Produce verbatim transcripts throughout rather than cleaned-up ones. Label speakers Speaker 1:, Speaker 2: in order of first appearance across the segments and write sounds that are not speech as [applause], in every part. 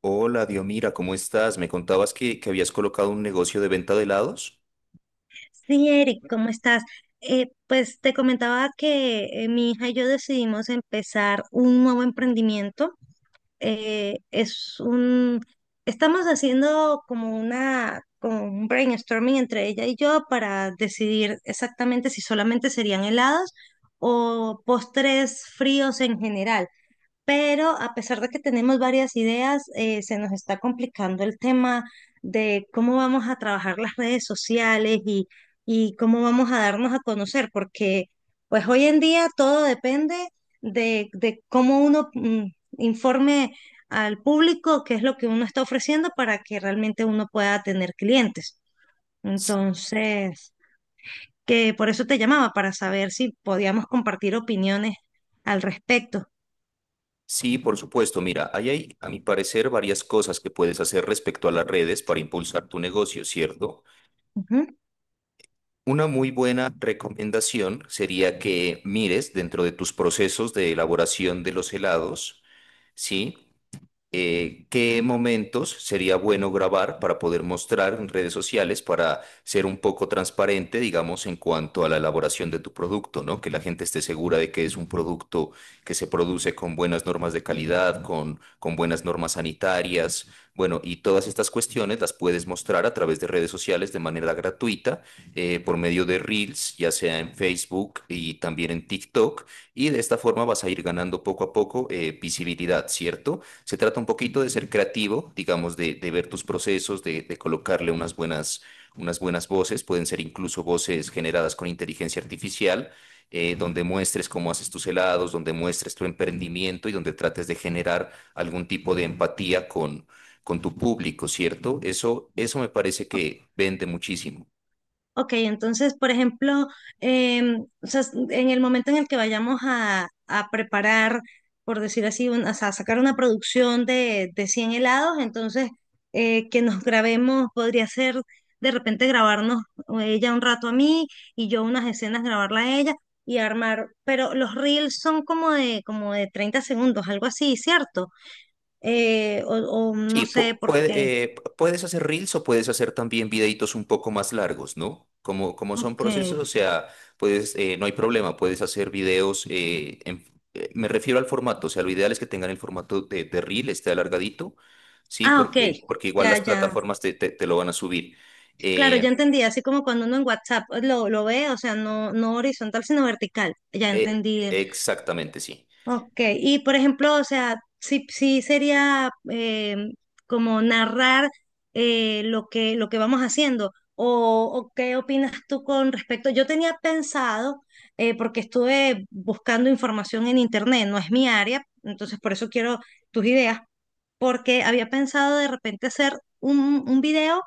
Speaker 1: Hola, Diomira, ¿cómo estás? Me contabas que, que habías colocado un negocio de venta de helados.
Speaker 2: Sí, Eric, ¿cómo estás? Eh, pues te comentaba que eh, mi hija y yo decidimos empezar un nuevo emprendimiento. Eh, es un, Estamos haciendo como una, como un brainstorming entre ella y yo para decidir exactamente si solamente serían helados o postres fríos en general, pero a pesar de que tenemos varias ideas, eh, se nos está complicando el tema de cómo vamos a trabajar las redes sociales, y, y cómo vamos a darnos a conocer, porque pues hoy en día todo depende de, de cómo uno mm, informe al público qué es lo que uno está ofreciendo para que realmente uno pueda tener clientes. Entonces, que por eso te llamaba, para saber si podíamos compartir opiniones al respecto.
Speaker 1: Sí, por supuesto. Mira, ahí hay, a mi parecer, varias cosas que puedes hacer respecto a las redes para impulsar tu negocio, ¿cierto?
Speaker 2: Ujú.
Speaker 1: Una muy buena recomendación sería que mires dentro de tus procesos de elaboración de los helados, ¿sí? Eh, ¿qué momentos sería bueno grabar para poder mostrar en redes sociales, para ser un poco transparente, digamos, en cuanto a la elaboración de tu producto, ¿no? Que la gente esté segura de que es un producto que se produce con buenas normas de calidad, con, con buenas normas sanitarias, bueno, y todas estas cuestiones las puedes mostrar a través de redes sociales de manera gratuita, eh, por medio de Reels, ya sea en Facebook y también en TikTok, y de esta forma vas a ir ganando poco a poco eh, visibilidad, ¿cierto? Se trata un poquito de ser creativo, digamos, de, de ver tus procesos, de, de colocarle unas buenas, unas buenas voces, pueden ser incluso voces generadas con inteligencia artificial, eh, donde muestres cómo haces tus helados, donde muestres tu emprendimiento y donde trates de generar algún tipo de empatía con, con tu público, ¿cierto? Eso, eso me parece que vende muchísimo.
Speaker 2: Ok, entonces, por ejemplo, em, o sea, s- en el momento en el que vayamos a, a preparar, por decir así, un- o sea, sacar una producción de, de cien helados. Entonces, eh, que nos grabemos, podría ser de repente grabarnos ella un rato a mí y yo unas escenas grabarla a ella y armar, pero los reels son como de, como de treinta segundos, algo así, ¿cierto? Eh, o, o no
Speaker 1: Sí,
Speaker 2: sé
Speaker 1: pu-
Speaker 2: por
Speaker 1: puede-
Speaker 2: qué.
Speaker 1: eh, puedes hacer reels o puedes hacer también videitos un poco más largos, ¿no? Como, como son
Speaker 2: Ok.
Speaker 1: procesos, o sea, puedes, eh, no hay problema, puedes hacer videos, eh, en- eh, me refiero al formato, o sea, lo ideal es que tengan el formato de, de reel, esté alargadito, ¿sí?
Speaker 2: Ah, ok.
Speaker 1: Porque, porque igual
Speaker 2: Ya,
Speaker 1: las
Speaker 2: ya.
Speaker 1: plataformas te, te- te lo van a subir.
Speaker 2: Claro,
Speaker 1: Eh,
Speaker 2: ya entendí, así como cuando uno en WhatsApp pues, lo, lo ve, o sea, no, no horizontal, sino vertical. Ya
Speaker 1: eh,
Speaker 2: entendí. el-
Speaker 1: Exactamente, sí.
Speaker 2: Ok, y por ejemplo, o sea, sí, sí sería eh, como narrar eh, lo que, lo que vamos haciendo. O, o qué opinas tú con respecto? Yo tenía pensado, eh, porque estuve buscando información en internet, no es mi área, entonces por eso quiero tus ideas, porque había pensado de repente hacer un, un video,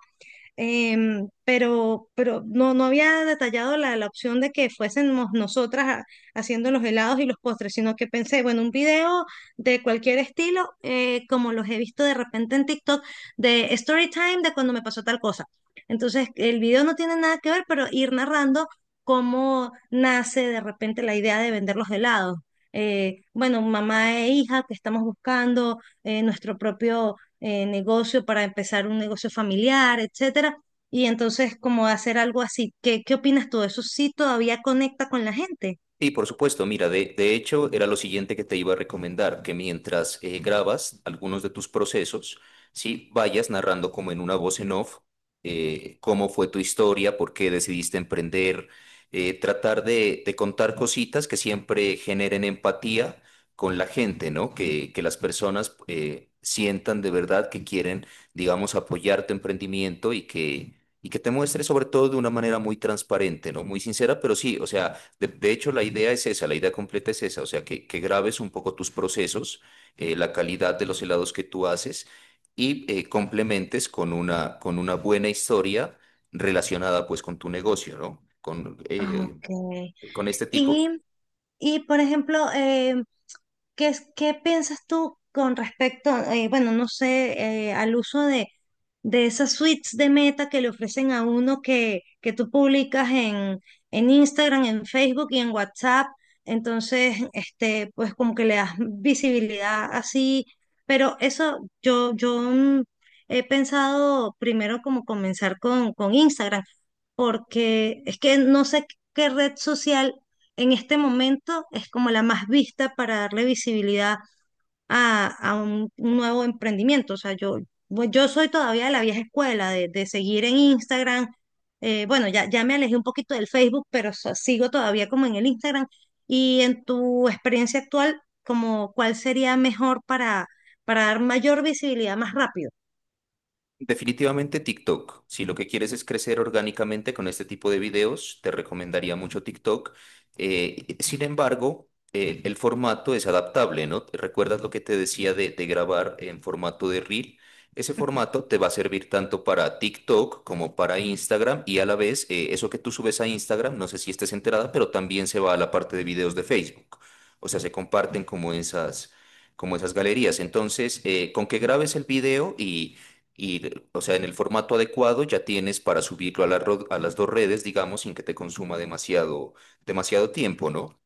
Speaker 2: em, pero, pero no, no había detallado la, la opción de que fuésemos nosotras a- haciendo los helados y los postres, sino que pensé, bueno, un video de cualquier estilo, eh, como los he visto de repente en TikTok, de story time, de cuando me pasó tal cosa. Entonces, el video no tiene nada que ver, pero ir narrando cómo nace de repente la idea de vender los helados. Eh, bueno, mamá e hija, que estamos buscando eh, nuestro propio eh, negocio, para empezar un negocio familiar, etcétera. Y entonces, como hacer algo así. ¿Qué, qué opinas tú? ¿Eso sí todavía conecta con la gente?
Speaker 1: Sí, por supuesto. Mira, de, de hecho era lo siguiente que te iba a recomendar, que mientras eh, grabas algunos de tus procesos, sí, vayas narrando como en una voz en off eh, cómo fue tu historia, por qué decidiste emprender, eh, tratar de, de contar cositas que siempre generen empatía con la gente, ¿no? Que, que las personas eh, sientan de verdad que quieren, digamos, apoyar tu emprendimiento y que, y que te muestres sobre todo de una manera muy transparente, ¿no? Muy sincera, pero sí, o sea de, de hecho, la idea es esa, la idea completa es esa, o sea, que, que grabes un poco tus procesos, eh, la calidad de los helados que tú haces y eh, complementes con una, con una buena historia relacionada pues con tu negocio, ¿no? Con,
Speaker 2: Ah,
Speaker 1: eh,
Speaker 2: Ok.
Speaker 1: con este
Speaker 2: Y,
Speaker 1: tipo.
Speaker 2: y por ejemplo, eh, ¿Qué, es- qué piensas tú con respecto, eh, bueno, no sé, eh, al uso de, de esas suites de meta que le ofrecen a uno, que, que tú publicas en, en Instagram, en Facebook y en WhatsApp? Entonces, este, pues como que le das visibilidad así, pero eso yo, yo mm, he pensado primero como comenzar con, con Instagram, porque es que no sé qué red social en este momento es como la más vista para darle visibilidad a, a un nuevo emprendimiento. O sea, yo, bu- yo soy todavía de la vieja escuela, de, de seguir en Instagram. Eh, bueno, ya, ya me alejé un poquito del Facebook, pero so- sigo todavía como en el Instagram. Y en tu experiencia actual, como, ¿cuál sería mejor para, para, dar mayor visibilidad más rápido?
Speaker 1: Definitivamente TikTok. Si lo que quieres es crecer orgánicamente con este tipo de videos, te recomendaría mucho TikTok. Eh, sin embargo, eh, el formato es adaptable, ¿no? ¿Recuerdas lo que te decía de, de grabar en formato de reel? Ese formato te va a servir tanto para TikTok como para Instagram y a la vez eh, eso que tú subes a Instagram, no sé si estés enterada, pero también se va a la parte de videos de Facebook. O sea, se comparten como esas, como esas galerías. Entonces, eh, con que grabes el video y y, o sea, en el formato adecuado ya tienes para subirlo a la ro- a las dos redes, digamos, sin que te consuma demasiado, demasiado tiempo, ¿no?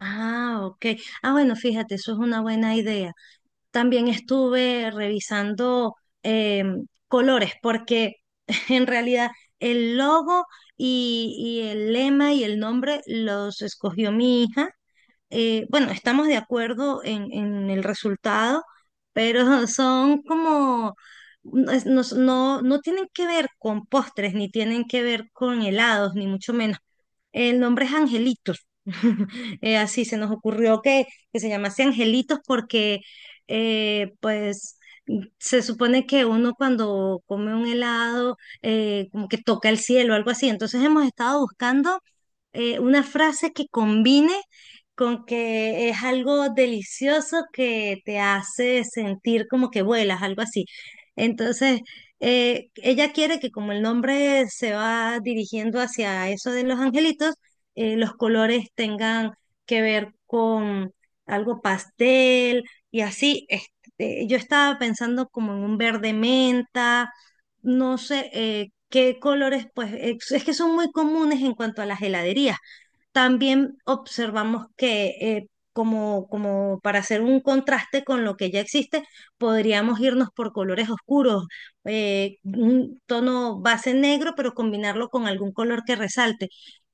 Speaker 2: Ah, ok. Ah, bueno, fíjate, eso es una buena idea. También estuve revisando eh, colores, porque [laughs] en realidad el logo y, y el lema y el nombre los escogió mi hija. Eh, bueno, estamos de acuerdo en, en, el resultado, pero [laughs] son como, no, es- no, no no tienen que ver con postres, ni tienen que ver con helados, ni mucho menos. El nombre es Angelitos. [laughs] Eh, así se nos ocurrió que, que se llamase Angelitos, porque, eh, pues, se supone que uno cuando come un helado, eh, como que toca el cielo, algo así. Entonces hemos estado buscando eh, una frase que combine con que es algo delicioso que te hace sentir como que vuelas, algo así. Entonces, eh, ella quiere que, como el nombre se va dirigiendo hacia eso de los angelitos, eh, los colores tengan que ver con algo pastel y así. Este, yo estaba pensando como en un verde menta, no sé eh, qué colores, pues ex- es que son muy comunes en cuanto a las heladerías. También observamos que eh, como, como, para hacer un contraste con lo que ya existe, podríamos irnos por colores oscuros, eh, un tono base negro, pero combinarlo con algún color que resalte.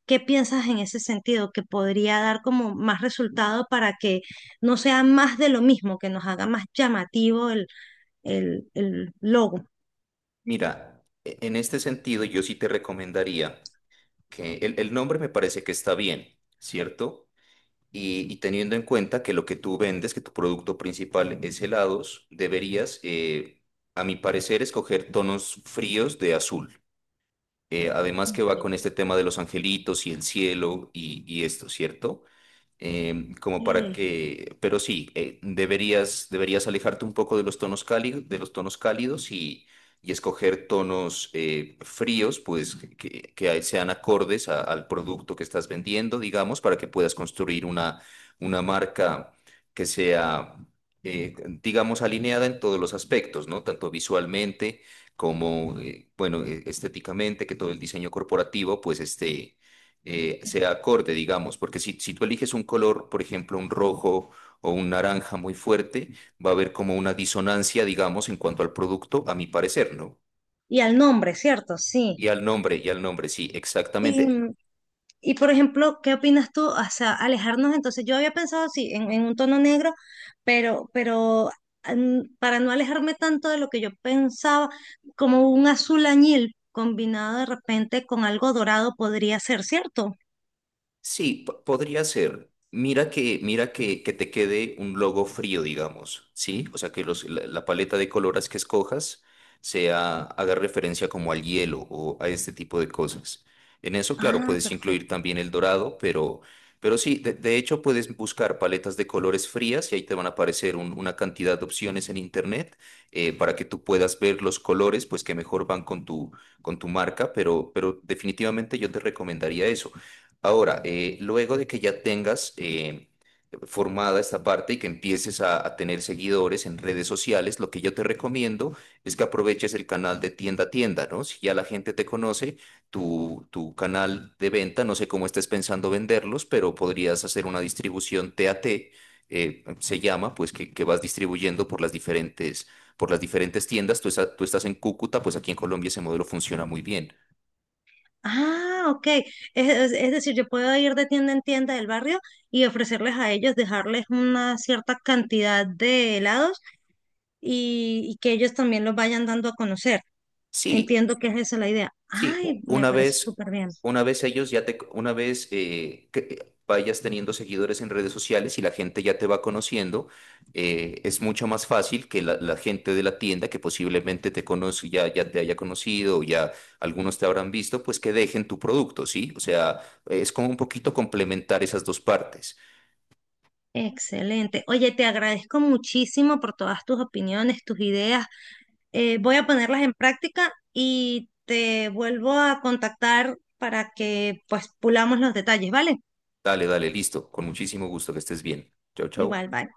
Speaker 2: ¿Qué piensas en ese sentido? Que podría dar como más resultado para que no sea más de lo mismo, que nos haga más llamativo el, el, el logo.
Speaker 1: Mira, e- en este sentido, yo sí te recomendaría que el, el nombre me parece que está bien, ¿cierto? Y, y teniendo en cuenta que lo que tú vendes, que tu producto principal es helados, deberías, eh, a mi parecer, escoger tonos fríos de azul. Eh, además, que va con este tema de los angelitos y el cielo y, y esto, ¿cierto? Em, como para
Speaker 2: Ok.
Speaker 1: que, pero sí, eh, deberías, deberías alejarte un poco de los tonos cálidos, de los tonos cálidos y, y escoger tonos eh, fríos, pues que, que- que sean acordes a- al producto que estás vendiendo, digamos, para que puedas construir una, una marca que sea, eh, digamos, alineada en todos los aspectos, ¿no? Tanto visualmente como, eh, bueno, eh, estéticamente, que todo el diseño corporativo, pues esté eh, sea acorde, digamos, porque si, si tú eliges un color, por ejemplo, un rojo o un naranja muy fuerte, va a haber como una disonancia, digamos, en cuanto al producto, a mi parecer, ¿no?
Speaker 2: Y al nombre, ¿cierto? Sí.
Speaker 1: Y al nombre, y al nombre, sí,
Speaker 2: Y,
Speaker 1: exactamente.
Speaker 2: y por ejemplo, ¿qué opinas tú? O sea, alejarnos, entonces yo había pensado, sí, en, en, un tono negro, pero, pero mm, para no alejarme tanto de lo que yo pensaba, como un azul añil combinado de repente con algo dorado, podría ser, ¿cierto?
Speaker 1: Sí, po- podría ser. Mira que, mira que, que te quede un logo frío, digamos, ¿sí? O sea, que los, la, la paleta de colores que escojas sea, haga referencia como al hielo o a este tipo de cosas. En eso, claro,
Speaker 2: Ah,
Speaker 1: puedes incluir
Speaker 2: perfecto.
Speaker 1: también el dorado, pero, pero sí, de, de hecho puedes buscar paletas de colores frías y ahí te van a aparecer un- una cantidad de opciones en internet eh, para que tú puedas ver los colores, pues que mejor van con tu, con tu marca, pero, pero definitivamente yo te recomendaría eso. Ahora, eh, luego de que ya tengas eh, formada esta parte y que empieces a, a tener seguidores en redes sociales, lo que yo te recomiendo es que aproveches el canal de tienda a tienda, ¿no? Si ya la gente te conoce, tu, tu canal de venta, no sé cómo estés pensando venderlos, pero podrías hacer una distribución T A T, eh, se llama, pues que, que vas distribuyendo por las diferentes, por las diferentes tiendas. Tú, esa- tú estás en Cúcuta, pues aquí en Colombia ese modelo funciona muy bien.
Speaker 2: Ah, ok. Es, es- es decir, yo puedo ir de tienda en tienda del barrio y ofrecerles a ellos, dejarles una cierta cantidad de helados, y, y que ellos también los vayan dando a conocer.
Speaker 1: Sí.
Speaker 2: Entiendo que es esa la idea.
Speaker 1: Sí, u-
Speaker 2: Ay, me
Speaker 1: una
Speaker 2: parece
Speaker 1: vez,
Speaker 2: súper bien.
Speaker 1: una vez ellos ya te, una vez eh, que vayas teniendo seguidores en redes sociales y la gente ya te va conociendo, eh, es mucho más fácil que la, la gente de la tienda que posiblemente te conoce, ya, ya te haya conocido, o ya algunos te habrán visto, pues que dejen tu producto, ¿sí? O sea, es como un poquito complementar esas dos partes.
Speaker 2: Excelente. Oye, te agradezco muchísimo por todas tus opiniones, tus ideas. Eh, voy a ponerlas en práctica y te vuelvo a contactar para que pues pulamos los detalles, ¿vale?
Speaker 1: Dale, dale, listo. Con muchísimo gusto. Que estés bien. Chao, chao.
Speaker 2: Igual, bye.